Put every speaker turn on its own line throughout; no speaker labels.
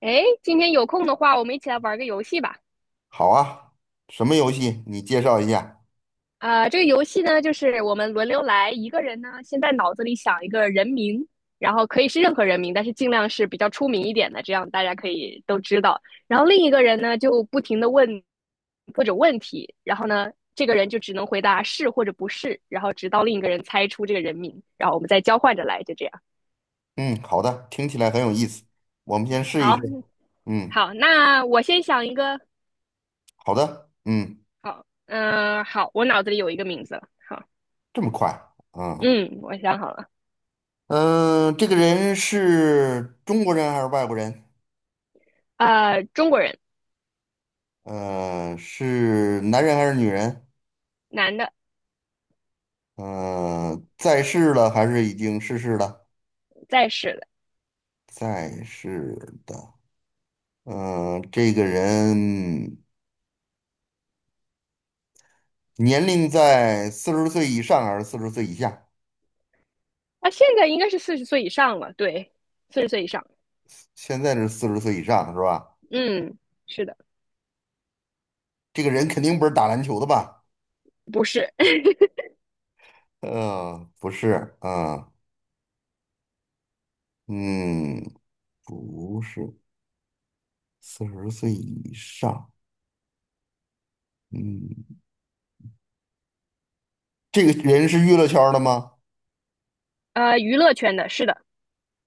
哎，今天有空的话，我们一起来玩个游戏吧。
好啊，什么游戏？你介绍一下。
这个游戏呢，就是我们轮流来，一个人呢先在脑子里想一个人名，然后可以是任何人名，但是尽量是比较出名一点的，这样大家可以都知道。然后另一个人呢，就不停的问各种问题，然后呢，这个人就只能回答是或者不是，然后直到另一个人猜出这个人名，然后我们再交换着来，就这样。
嗯，好的，听起来很有意思。我们先试一
好，
试。嗯，
好，那我先想一个。
好的。嗯，
好，好，我脑子里有一个名字了。好，
这么快。嗯
嗯，我想好了。
嗯，这个人是中国人还是外国人？
呃，中国人，
是男人还是女人？
男的，
在世了还是已经逝世了？
在世的，
在世的。这个人年龄在四十岁以上还是四十岁以下？
啊，现在应该是四十岁以上了，对，四十岁以上，
现在是四十岁以上是吧？
嗯，是的，
这个人肯定不是打篮球的吧？
不是，
不是，啊，嗯，不是，四十岁以上，嗯，这个人是娱乐圈儿的吗？
呃，娱乐圈的，是的，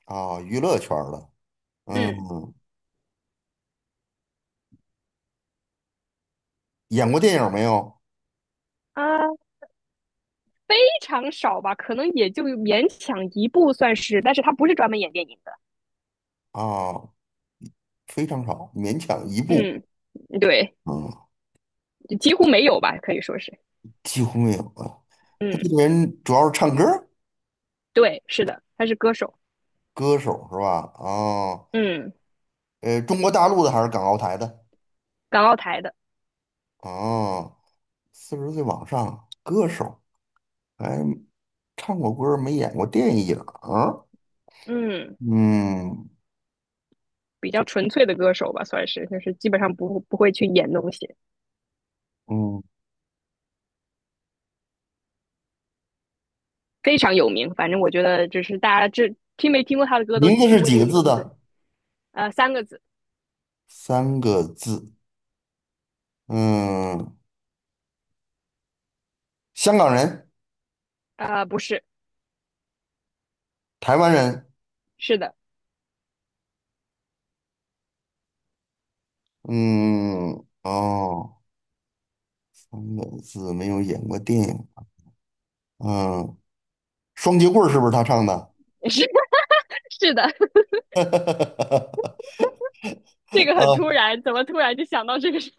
啊，娱乐圈儿的，嗯，
嗯，
演过电影没有？
啊、非常少吧，可能也就勉强一部算是，但是他不是专门演电影的，
啊，非常少，勉强一部，
嗯，对，
嗯，
几乎没有吧，可以说是，
几乎没有啊。
嗯，
他这个人主要是唱歌儿
对，是的，他是歌手，
歌手是吧？啊，
嗯，
中国大陆的还是港澳台的？
港澳台的，
啊，四十岁往上，歌手。还唱过歌儿没演过电影儿？
嗯，
嗯
比较纯粹的歌手吧，算是，就是基本上不会去演东西，
嗯，
非常有名。反正我觉得就是大家这听没听过他的歌都
名字
听
是
过
几
这
个
个
字
名字，
的？
呃，三个字，
三个字。嗯，香港人，
呃，不是，
台湾人。
是的，
嗯，哦，三个字没有演过电影。嗯，双截棍儿是不是他唱的？
是 是的，这个很突然，怎么突然就想到这个事？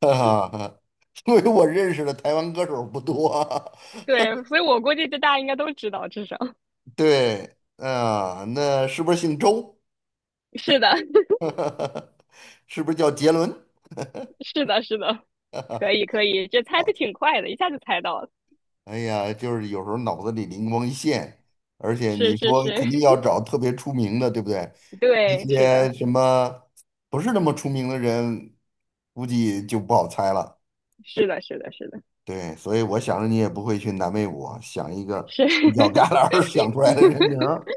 啊，因为我认识的台湾歌手不多啊
对，所以我估计这大家应该都知道，至少
对，啊，那是不是姓周？
是的，
是不是叫杰伦？
是的，是的，可以可以，这猜的挺快的，一下就猜到了，
哎呀，就是有时候脑子里灵光一现，而且
是
你
是
说
是，
肯定要找特别出名的，对不对？那
对，是的，
些什么不是那么出名的人，估计就不好猜了。
是的，是的，是的，
对，所以我想着你也不会去难为我，想一个
是。
犄角旮旯儿 想出来的人 名儿。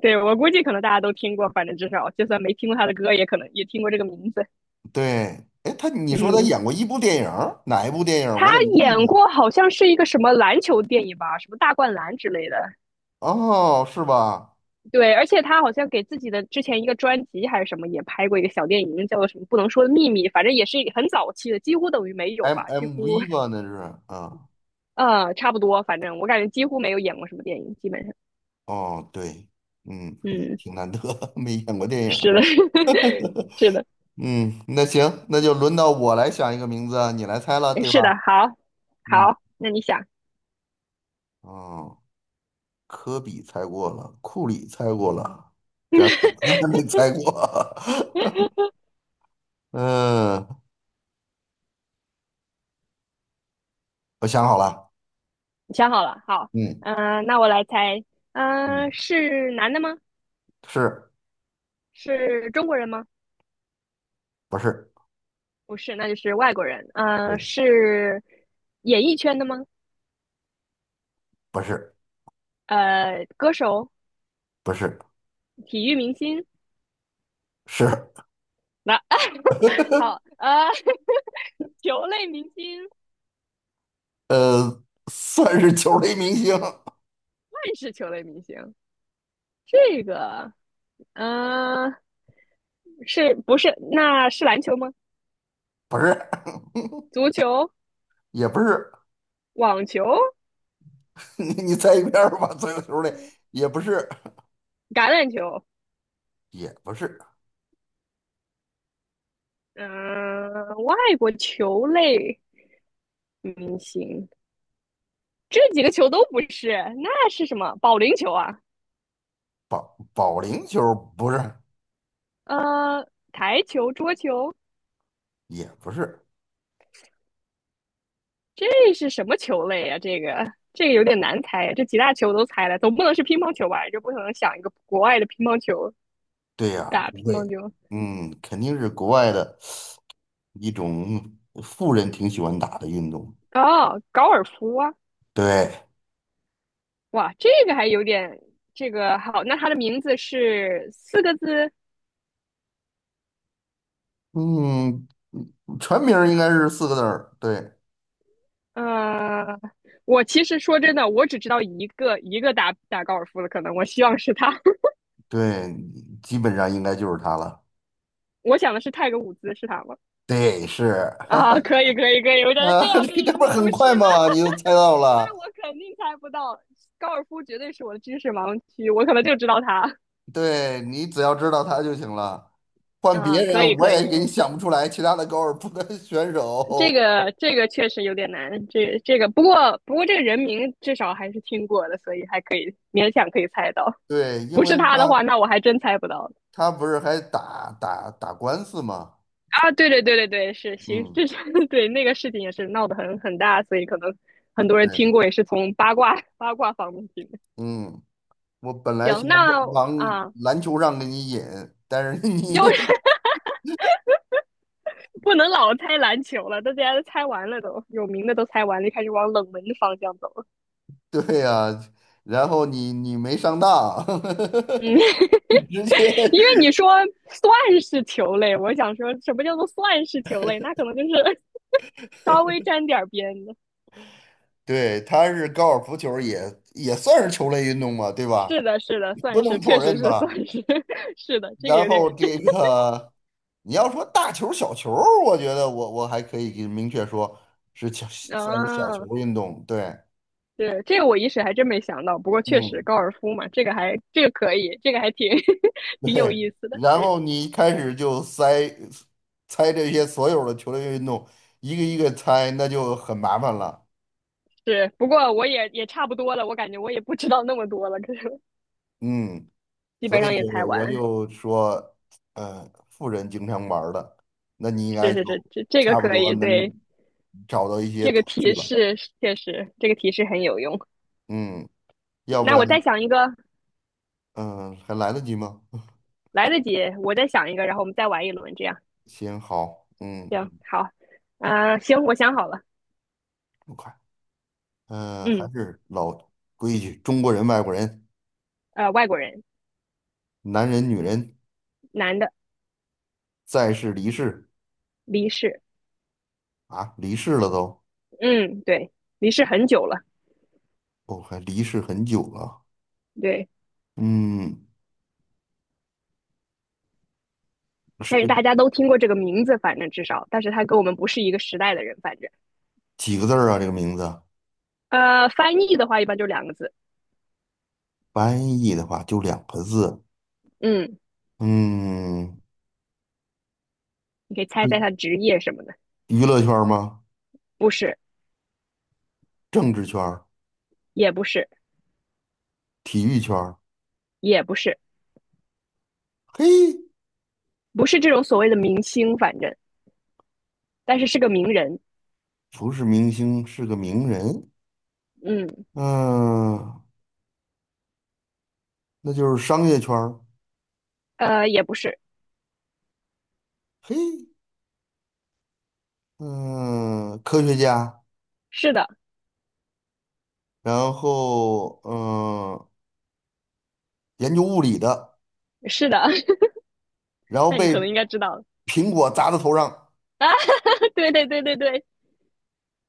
对，我估计可能大家都听过，反正至少就算没听过他的歌，也可能也听过这个名字。
对，哎，他你说他
嗯，
演过一部电影儿哪一部电影儿
他
我怎么没印
演
象？
过好像是一个什么篮球电影吧，什么大灌篮之类的。
哦，是吧
对，而且他好像给自己的之前一个专辑还是什么也拍过一个小电影，叫做什么不能说的秘密，反正也是很早期的，几乎等于没有吧，几
？M
乎
MV 吧，那是啊。
呃差不多，反正我感觉几乎没有演过什么电影，基本上，
哦，对，嗯，
嗯，
挺难得，没演过电影。
是的，是的，
嗯，那行，那就轮到我来想一个名字啊，你来猜了，对吧？
是的，好，
嗯，
好，那你想，
哦，科比猜过了，库里猜过了，詹姆
你
斯还 没猜过。嗯，我想好了。
想好了，好，
嗯
那我来猜，
嗯，
是男的吗？
是
是中国人吗？
不是？
不是，那就是外国人。呃，
对，
是演艺圈的吗？
不是，
呃，歌手、
不是，
体育明星。
是，
那、好，呃，球类明星，
呃，算是球类明星，
万是球类明星。这个，呃，是不是？那是篮球吗？
不是，
足球、
也不是。
网球、
你猜一遍儿吧，足右球类，也不是，
橄榄球。
也不是。
嗯、外国球类明星，这几个球都不是，那是什么？保龄球啊？
保龄球不是，
呃，台球、桌球。
也不是，
这是什么球类呀、这个这个有点难猜呀，这几大球都猜了，总不能是乒乓球吧？这不可能想一个国外的乒乓球
对呀、
打
不
乒
会，
乓球
嗯，肯定是国外的一种富人挺喜欢打的运动。
哦，高尔夫啊！
对，
哇，这个还有点这个好，那它的名字是四个字。
嗯，全名儿应该是四个字儿，对
呃，我其实说真的，我只知道一个打高尔夫的，可能我希望是他。
对，基本上应该就是他了。
我想的是泰格伍兹，是他吗？
对，是
啊，可以可以可以，我觉得这
啊，
要是
这
如
不
果
是很
不是，
快
那
吗？你就猜到
那
了，
我肯定猜不到，高尔夫绝对是我的知识盲区，我可能就知道他。
对你只要知道他就行了。换
啊，
别
可以
人我
可以，
也给你想不出来其他的高尔夫的选
这
手，
个这个确实有点难，这这个不过这个人名至少还是听过的，所以还可以勉强可以猜到。
对，因
不
为
是他的话，
他。
那我还真猜不到
他不是还打官司吗？
啊！对对对对对，是行，
嗯，
这是 对那个事情也是闹得很大，所以可能很多人
对，
听过，也是从八卦方面听的。
嗯，我本来
行，
想往
那
往
啊，
篮球上给你引，但是
又是
你
不能老猜篮球了，大家都猜完了都，有名的都猜完了，就开始往冷门的方向走了。
对呀、然后你没上当，
嗯，
直接
因为你说算是球类，我想说什么叫做算是球类？那可能就是稍微沾点边的。
对，他是高尔夫球也算是球类运动嘛，对吧？
是的，是的，
不
算是，
能否
确实
认
是算
吧？
是，是的，这个
然
有
后
点这
这个你要说大球小球，我觉得我还可以给明确说是小算是小
啊，
球运动，对，
对，这个我一时还真没想到。不过确实
嗯。
高尔夫嘛，这个还这个可以，这个还挺 挺有
对，
意思的。
然后你一开始就塞猜这些所有的球类运动，一个一个猜，那就很麻烦了。
是，不过我也也差不多了，我感觉我也不知道那么多了，可是。
嗯，
基本
所
上也
以
猜
我
完。
就说，富人经常玩儿的，那你应
是
该
是
就
是，这这个
差不
可
多
以，对，
能找到一些
这个
头绪
提
了。
示确实，这个提示很有用。
嗯，要不
那
然，
我再想一个，
嗯、还来得及吗？
来得及，我再想一个，然后我们再玩一轮，这样
行，好，嗯，
行好。行，我想好了，
不快，嗯、还
嗯，
是老规矩，中国人、外国人，
呃，外国人，
男人、女人，
男的，
在世、离世
离世，
啊，离世了都。
嗯，对，离世很久了，
哦，还离世很久了。
对，
嗯，
但是大
是
家都听过这个名字，反正至少，但是他跟我们不是一个时代的人，反正，
几个字儿啊？这个名字
呃，翻译的话一般就两个字，
翻译的话就两个字。
嗯，
嗯，
你可以猜猜他
是
职业什么的，
娱乐圈儿吗？
不是，
政治圈儿、
也不是，
体育圈儿？
也不是，
嘿，
不是这种所谓的明星，反正但是是个名人，
不是明星，是个名人。
嗯，
嗯，那就是商业圈儿。
呃，也不是，
嘿，嗯，科学家，
是的，
然后研究物理的，
是的，
然 后
那你
被
可能应该知道了
苹果砸到头上，
啊，对对对对对，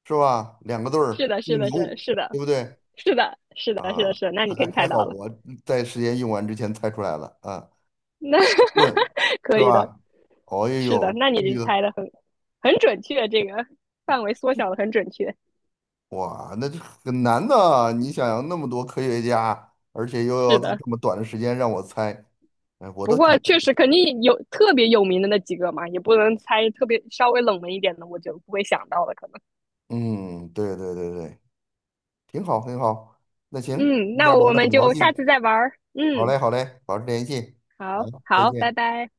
是吧？两个字
是
儿，
的，是
姓
的，是的
牛，
是的，
对不对？
是的，是的，是的，
啊，
是的，那你肯
还
定
还
猜
好
到了，
我在时间用完之前猜出来了啊，
那
问 是
可以的，
吧？哦哎
是的，
呦，
那你
这
就
个
猜的很准确，这个范围缩小的很准确，
哇，那这很难的。你想想，那么多科学家，而且又要
是
在
的。
这么短的时间让我猜，哎，我
不
都
过
挺……
确实肯定有特别有名的那几个嘛，也不能猜特别稍微冷门一点的，我就不会想到了可能。
嗯，对对对对，挺好挺好。那行，
嗯，
今
那
天玩
我
的
们
很高
就下
兴，
次再玩儿。
好
嗯，
嘞好嘞，保持联系，好，
好
再
好，拜
见。
拜。